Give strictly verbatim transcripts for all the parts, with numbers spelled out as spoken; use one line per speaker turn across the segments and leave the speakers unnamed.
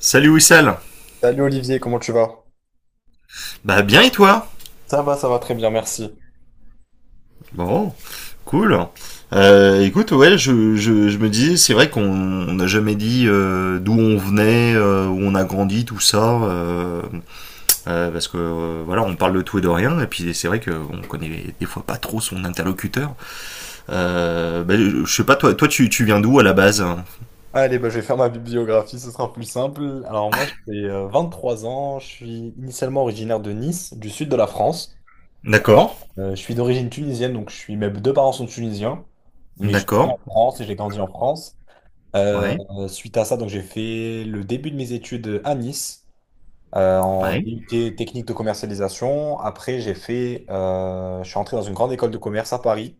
Salut Wissal.
Salut Olivier, comment tu vas?
Bah, bien, et toi?
Ça va, ça va très bien, merci.
Bon, cool. Euh, écoute, ouais, je, je, je me disais, c'est vrai qu'on on n'a jamais dit euh, d'où on venait, euh, où on a grandi, tout ça, euh, euh, parce que euh, voilà, on parle de tout et de rien, et puis c'est vrai qu'on connaît des fois pas trop son interlocuteur. Euh, bah, je je sais pas, toi, toi, tu, tu viens d'où à la base?
Allez, bah, je vais faire ma bibliographie, ce sera plus simple. Alors moi, j'ai euh, trois ans, je suis initialement originaire de Nice, du sud de la France.
D'accord.
Euh, je suis d'origine tunisienne, donc je suis, mes deux parents sont tunisiens, mais je suis né
D'accord.
en France et j'ai grandi en France. Euh,
Ouais.
Suite à ça, donc j'ai fait le début de mes études à Nice, euh, en
Ouais.
D U T technique de commercialisation. Après, j'ai fait, euh, je suis entré dans une grande école de commerce à Paris.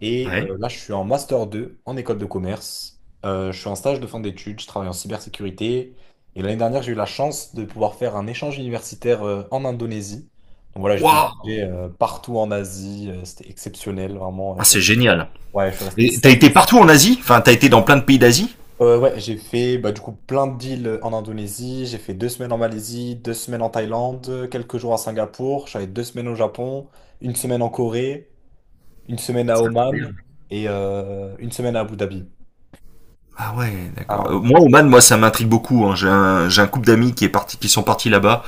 Et
Ouais.
euh, là, je suis en master deux en école de commerce. Euh, je suis en stage de fin d'études, je travaille en cybersécurité. Et l'année dernière, j'ai eu la chance de pouvoir faire un échange universitaire euh, en Indonésie. Donc voilà, j'ai pu
Waouh.
voyager euh, partout en Asie. Euh, c'était exceptionnel, vraiment. Je
Ah,
suis
c'est
resté,
génial.
ouais, je suis resté
Et t'as
sept mois.
été partout en Asie? Enfin, t'as été dans plein de pays d'Asie?
Euh, ouais, j'ai fait bah, du coup plein de deals en Indonésie. J'ai fait deux semaines en Malaisie, deux semaines en Thaïlande, quelques jours à Singapour. J'avais deux semaines au Japon, une semaine en Corée, une semaine à
C'est
Oman
incroyable.
et euh, une semaine à Abu Dhabi.
Ah ouais, d'accord.
Ah,
Euh, Moi, Oman, moi, ça m'intrigue beaucoup, hein. J'ai un, j'ai un couple d'amis qui est parti, qui sont partis là-bas.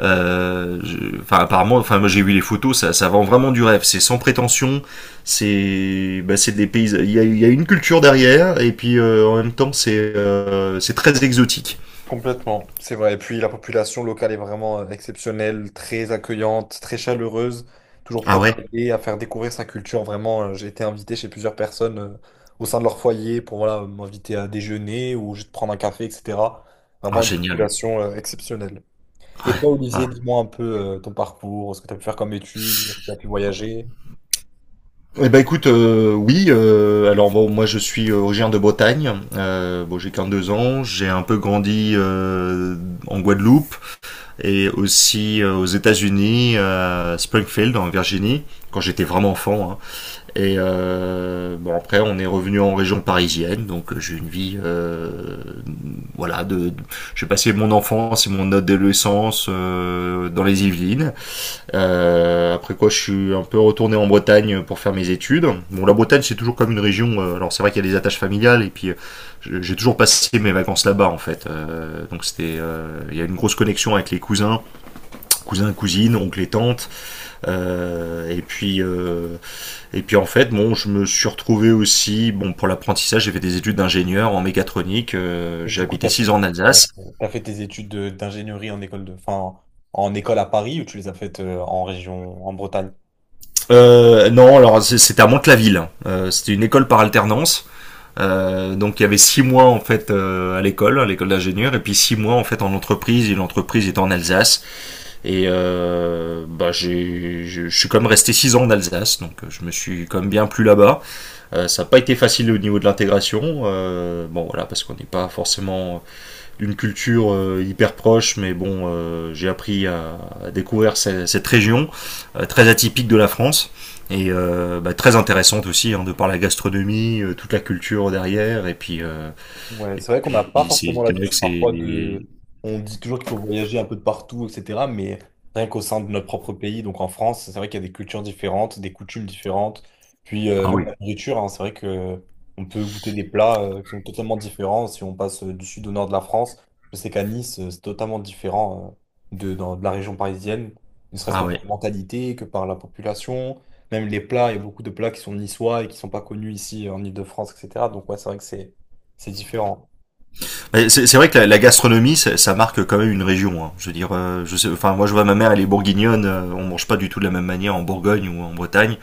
Euh, je- Enfin, apparemment, enfin, moi, j'ai vu les photos. Ça, ça vend vraiment du rêve. C'est sans prétention. C'est, bah, c'est des pays. Il y a, il y a une culture derrière, et puis euh, en même temps, c'est, euh, c'est très exotique.
complètement, c'est vrai. Et puis la population locale est vraiment euh, exceptionnelle, très accueillante, très chaleureuse, toujours
Ah
prête
ouais.
à aider, à faire découvrir sa culture. Vraiment, euh, j'ai été invité chez plusieurs personnes euh, au sein de leur foyer pour voilà, m'inviter à déjeuner ou juste prendre un café, et cetera.
Ah
Vraiment une
génial.
population euh, exceptionnelle. Et
Ouais.
toi,
Ah.
Olivier, dis-moi un peu euh, ton parcours, ce que tu as pu faire comme études, tu as pu voyager.
Eh ben écoute, euh, oui. Euh, alors bon, moi je suis originaire de Bretagne. Euh, bon, j'ai qu'un deux ans. J'ai un peu grandi euh, en Guadeloupe. Et aussi euh, aux États-Unis, à Springfield en Virginie, quand j'étais vraiment enfant, hein. Et euh, bon après on est revenu en région parisienne, donc euh, j'ai une vie euh, voilà de, de- j'ai passé mon enfance et mon adolescence euh, dans les Yvelines. Euh, après quoi je suis un peu retourné en Bretagne pour faire mes études. Bon, la Bretagne c'est toujours comme une région, euh, alors c'est vrai qu'il y a des attaches familiales et puis euh, j'ai toujours passé mes vacances là-bas en fait. Euh, donc c'était euh, il euh, y a une grosse connexion avec les cousins cousins, cousines, oncles et tantes. Euh, et puis, euh, et puis en fait, bon, je me suis retrouvé aussi, bon, pour l'apprentissage, j'ai fait des études d'ingénieur en mécatronique. Euh,
Et
j'ai
du coup, tu
habité
as
six
fait,
ans en
euh,
Alsace.
t'as fait tes études de- d'ingénierie en école de, enfin, en école à Paris ou tu les as faites euh, en région, en Bretagne?
Euh, non, alors c'est- c'était à Mantes-la-Ville, hein. Euh, c'était une école par alternance. Euh, donc il y avait six mois en fait euh, à l'école, à l'école d'ingénieur, et puis six mois en fait en entreprise. Et l'entreprise était en Alsace. Et euh, bah j'ai, je je suis quand même resté six ans en Alsace, donc euh, je me suis quand même bien plu là-bas. Euh, ça n'a pas été facile au niveau de l'intégration, euh, bon voilà parce qu'on n'est pas forcément d'une culture euh, hyper proche, mais bon euh, j'ai appris à, à découvrir cette, cette région euh, très atypique de la France et euh, bah, très intéressante aussi, hein, de par la gastronomie, euh, toute la culture derrière et puis euh,
Ouais, c'est vrai qu'on n'a pas
et
forcément
c'est c'est vrai
l'habitude
que c'est...
parfois de... On dit toujours qu'il faut voyager un peu de partout, et cetera. Mais rien qu'au sein de notre propre pays, donc en France, c'est vrai qu'il y a des cultures différentes, des coutumes différentes. Puis euh,
Ah
même
oui.
la nourriture, hein, c'est vrai que on peut goûter des plats euh, qui sont totalement différents si on passe euh, du sud au nord de la France. Je sais qu'à Nice, euh, c'est totalement différent euh, de, dans- de la région parisienne, ne serait-ce que
Ah
par
ouais.
la mentalité, que par la population. Même les plats, il y a beaucoup de plats qui sont niçois et qui sont pas connus ici en Île-de-France, et cetera. Donc ouais, c'est vrai que c'est... C'est différent.
Mais C'est c'est vrai que la, la gastronomie, ça, ça, marque quand même une région, hein. Je veux dire, euh, je sais, enfin moi je vois ma mère, elle est bourguignonne. Euh, on mange pas du tout de la même manière en Bourgogne ou en Bretagne.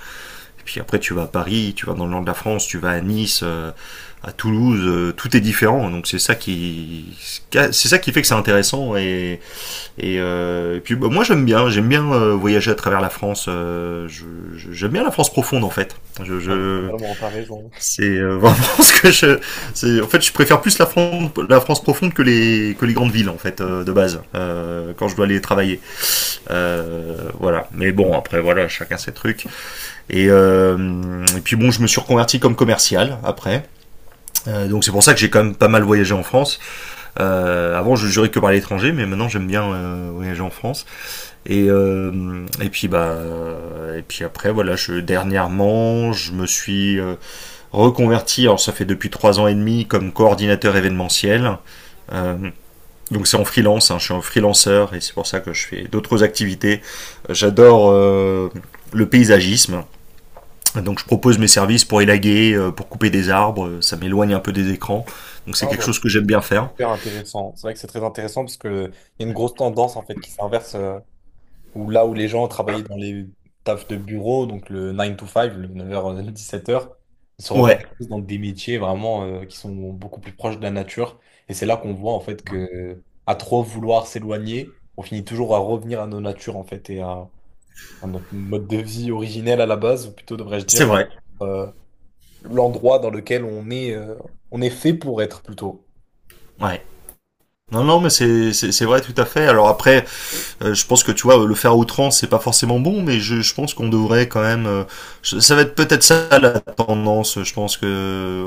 Et puis après, tu vas à Paris, tu vas dans le nord de la France, tu vas à Nice, euh, à Toulouse, euh, tout est différent. Donc c'est ça qui, c'est ça qui fait que c'est intéressant. Et, et, euh, et puis bah, moi j'aime bien, j'aime bien euh, voyager à travers la France. Euh, je- je- j'aime bien la France profonde en fait. Je,
Ouais,
je-
totalement, t'as raison.
c'est euh, vraiment ce que je, c'est, en fait je préfère plus la France, la France profonde que les, que les grandes villes en fait euh, de base euh, quand je dois aller travailler. Euh, voilà. Mais bon après voilà, chacun ses trucs. Et, euh, et puis bon, je me suis reconverti comme commercial après. Euh, donc c'est pour ça que j'ai quand même pas mal voyagé en France. Euh, avant, je jurais que par l'étranger, mais maintenant j'aime bien euh, voyager en France. Et euh, et puis bah euh, et puis après voilà, je dernièrement je me suis euh, reconverti. Alors ça fait depuis trois ans et demi comme coordinateur événementiel. Euh, donc c'est en freelance, hein, je suis un freelanceur et c'est pour ça que je fais d'autres activités. J'adore euh, le paysagisme. Donc je propose mes services pour élaguer, euh, pour couper des arbres. Euh, ça m'éloigne un peu des écrans. Donc c'est
Ah
quelque
bah,
chose que
c'est
j'aime bien faire.
super intéressant. C'est vrai que c'est très intéressant parce que il y a une grosse tendance en fait qui s'inverse euh, où là où les gens travaillaient dans les tafs de bureau, donc le neuf to cinq, le neuf heures h dix-sept h ils se
Ouais,
reconvertissent dans des métiers vraiment euh, qui sont beaucoup plus proches de la nature. Et c'est là qu'on voit en fait que à trop vouloir s'éloigner, on finit toujours à revenir à nos natures en fait et à, à notre mode de vie originel à la base, ou plutôt devrais-je
c'est
dire
vrai.
vraiment, l'endroit dans lequel on est, euh, on est fait pour être plutôt.
Ouais. Non, non, mais c'est c'est- c'est vrai tout à fait. Alors après, euh, je pense que tu vois, le faire à outrance, c'est pas forcément bon, mais je, je pense qu'on devrait quand même. Euh, je- ça va être peut-être ça la tendance. Je pense que euh,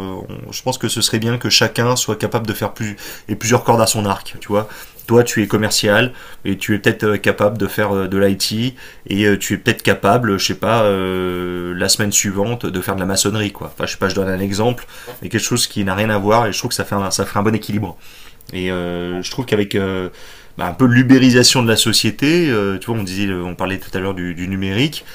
on- Je pense que ce serait bien que chacun soit capable de faire plus et plusieurs cordes à son arc. Tu vois, toi, tu es commercial et tu es peut-être euh, capable de faire euh, de l'I T et euh, tu es peut-être capable, je sais pas, euh, la semaine suivante de faire de la maçonnerie, quoi. Enfin, je sais pas, je donne un exemple, mais quelque chose qui n'a rien à voir et je trouve que ça fait un, ça ferait un bon équilibre. Et euh, je trouve qu'avec euh, bah, un peu l'ubérisation de la société, euh, tu vois, on disait, on parlait tout à l'heure du, du numérique.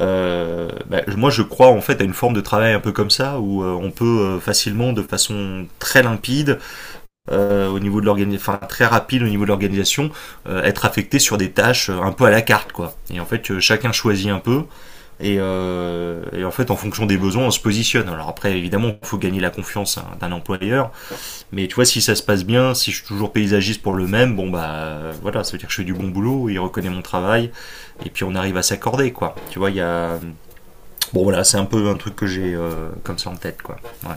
euh, Bah, moi, je crois en fait à une forme de travail un peu comme ça où euh, on peut euh, facilement, de façon très limpide, euh, au niveau de l'organisation, enfin très rapide au niveau de l'organisation, euh, être affecté sur des tâches euh, un peu à la carte, quoi. Et en fait, euh, chacun choisit un peu et, euh, et en fait, en fonction des besoins, on se positionne. Alors après, évidemment, il faut gagner la confiance, hein, d'un employeur, mais tu vois, si ça se passe bien, si je suis toujours paysagiste pour le même, bon bah voilà, ça veut dire que je fais du bon boulot, il reconnaît mon travail, et puis on arrive à s'accorder, quoi. Tu vois, il y a... Bon voilà, c'est un peu un truc que j'ai euh, comme ça en tête, quoi. Ouais.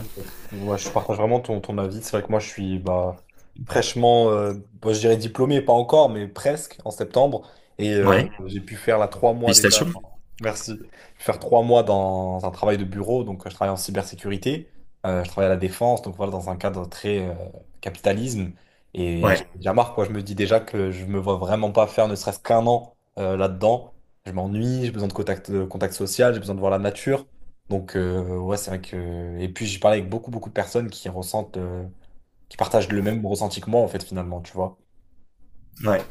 Moi, je partage vraiment ton, ton avis. C'est vrai que moi, je suis bah, fraîchement, euh, bah, je dirais diplômé, pas encore, mais presque en septembre. Et euh,
Ouais.
j'ai pu faire là trois mois déjà.
Félicitations.
Merci. Je vais faire trois mois dans un travail de bureau, donc euh, je travaille en cybersécurité, euh, je travaille à la défense, donc voilà, dans un cadre très euh, capitalisme. Et j'ai
Ouais.
déjà marre, quoi. Je me dis déjà que je me vois vraiment pas faire ne serait-ce qu'un an euh, là-dedans. Je m'ennuie, j'ai besoin de contact, de contact social, j'ai besoin de voir la nature. Donc, euh, ouais, c'est vrai que. Et puis, j'ai parlé avec beaucoup, beaucoup de personnes qui ressentent, euh, qui partagent le même ressenti que moi, en fait, finalement, tu vois.
Ouais.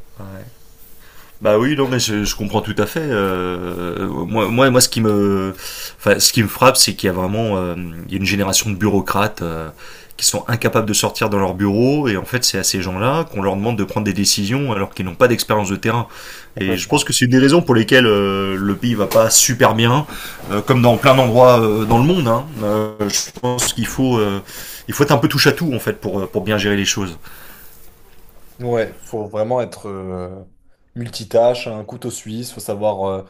Bah oui, non, mais je, je comprends tout à fait. Euh, moi, moi, moi, ce qui me, enfin, ce qui me frappe, c'est qu'il y a vraiment, euh, il y a une génération de bureaucrates euh, qui sont incapables de sortir dans leur bureau, et en fait, c'est à ces gens-là qu'on leur demande de prendre des décisions alors qu'ils n'ont pas d'expérience de terrain. Et je pense que
Complètement.
c'est une des raisons pour lesquelles euh, le pays va pas super bien, euh, comme dans plein d'endroits euh, dans le monde, hein. Euh, je pense qu'il faut, euh, il faut être un peu touche à tout en fait pour euh, pour bien gérer les choses.
Ouais, faut vraiment être euh, multitâche, un couteau suisse, faut savoir. euh,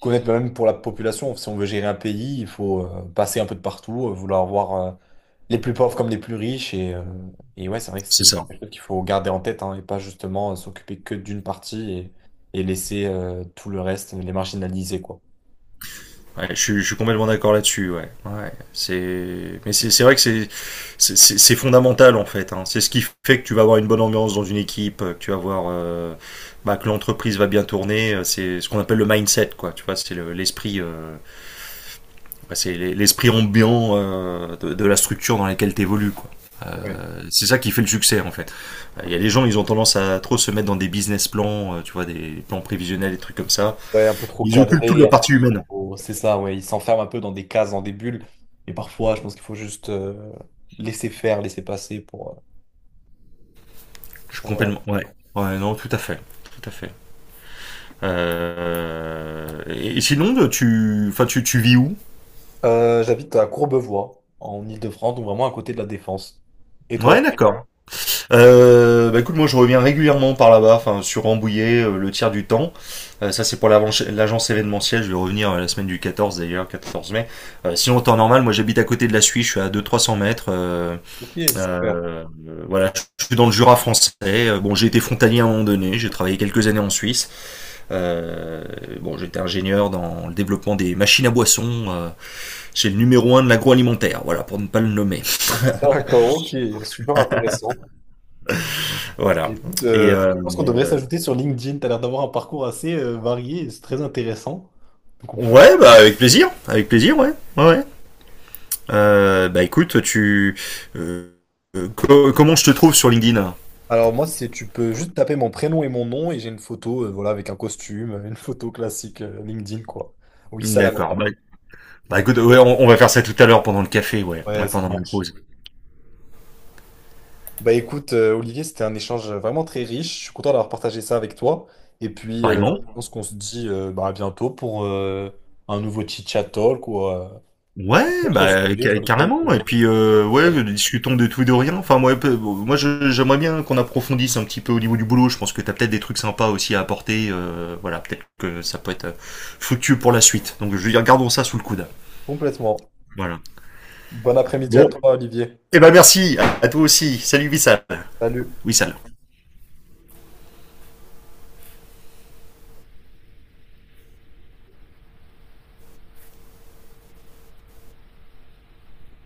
Connaître même pour la population. Si on veut gérer un pays, il faut euh, passer un peu de partout, euh, vouloir voir euh, les plus pauvres comme les plus riches. Et, euh, et ouais, c'est vrai que
C'est
c'est
ça.
quelque chose qu'il faut garder en tête hein, et pas justement euh, s'occuper que d'une partie et, et laisser euh, tout le reste, les marginaliser, quoi.
Ouais, je, suis- je suis complètement d'accord là-dessus. Ouais. Ouais, c'est... Mais c'est, c'est vrai que c'est, c'est, c'est- c'est fondamental en fait, hein. C'est ce qui fait que tu vas avoir une bonne ambiance dans une équipe, euh, que tu vas avoir euh, bah, que l'entreprise va bien tourner. euh, C'est ce qu'on appelle le mindset, quoi. Tu vois, c'est le- l'esprit, euh, bah, c'est l'e- l'esprit ambiant euh, de, de la structure dans laquelle tu évolues, quoi.
Ouais.
Euh, C'est ça qui fait le succès en fait. Euh, Il y a des gens, ils ont tendance à trop se mettre dans des business plans, euh, tu vois, des plans prévisionnels, des trucs comme ça.
Ouais, un peu trop
Ils occupent toute
cadré,
la
un peu
partie humaine.
trop- c'est ça, ouais. Ils s'enferment un peu dans des cases, dans des bulles. Et parfois, je pense qu'il faut juste euh, laisser faire, laisser passer pour. euh,
Je suis
pour- Voilà.
complètement. Ouais. Ouais, non, tout à fait. Tout à fait. Euh, Et et sinon, tu, enfin, tu, tu vis où?
Euh, j'habite à Courbevoie, en Île-de-France, donc vraiment à côté de la Défense. Et toi?
Ouais, d'accord. Euh, bah écoute, moi je reviens régulièrement par là-bas, enfin sur Rambouillet euh, le tiers du temps. Euh, ça c'est pour l'avance- l'agence événementielle, je vais revenir euh, la semaine du quatorze d'ailleurs, quatorze mai. Euh, sinon en temps normal, moi j'habite à côté de la Suisse, je suis à deux, trois cents mètres. euh,
Ok, super.
euh, voilà, je je suis dans le Jura français. Euh, Bon, j'ai été frontalier à un moment donné, j'ai travaillé quelques années en Suisse. Euh, bon, j'étais ingénieur dans le développement des machines à boissons euh, chez le numéro un de l'agroalimentaire, voilà, pour ne pas le nommer.
D'accord, ok, super intéressant.
Voilà.
Écoute, euh,
Et
je
euh,
pense qu'on devrait
euh,
s'ajouter sur LinkedIn. Tu as l'air d'avoir un parcours assez euh, varié, et c'est très intéressant. Donc, on peut-
ouais, bah avec plaisir, avec plaisir, ouais, ouais, ouais. Euh, bah écoute, tu euh, euh, co- comment je te trouve sur LinkedIn?
Alors moi, c'est tu peux juste taper mon prénom et mon nom et j'ai une photo, euh, voilà, avec un costume, euh, une photo classique euh, LinkedIn, quoi. Oui, ça la met pas.
D'accord. Bah, bah écoute, ouais, on, on va faire ça tout à l'heure pendant le café, ouais,
Ouais,
ouais
ça
pendant la
marche.
pause.
Bah écoute, euh, Olivier, c'était un échange vraiment très riche. Je suis content d'avoir partagé ça avec toi. Et puis, euh,
Pareillement.
je pense qu'on se dit euh, bah, à bientôt pour euh, un nouveau chit-chat talk ou euh,
Ouais,
autre
bah
sujet
ca-
sur lequel...
carrément.
euh,
Et puis euh, ouais, discutons de tout et de rien. Enfin moi, peu- moi je- J'aimerais bien qu'on approfondisse un petit peu au niveau du boulot. Je pense que t'as peut-être des trucs sympas aussi à apporter. Euh, voilà, peut-être que ça peut être euh, fructueux pour la suite. Donc je veux dire, gardons ça sous le coude.
Complètement.
Voilà.
Bon après-midi à
Bon,
toi, Olivier.
et ben merci à, à toi aussi. Salut Wissal.
Salut.
Wissal.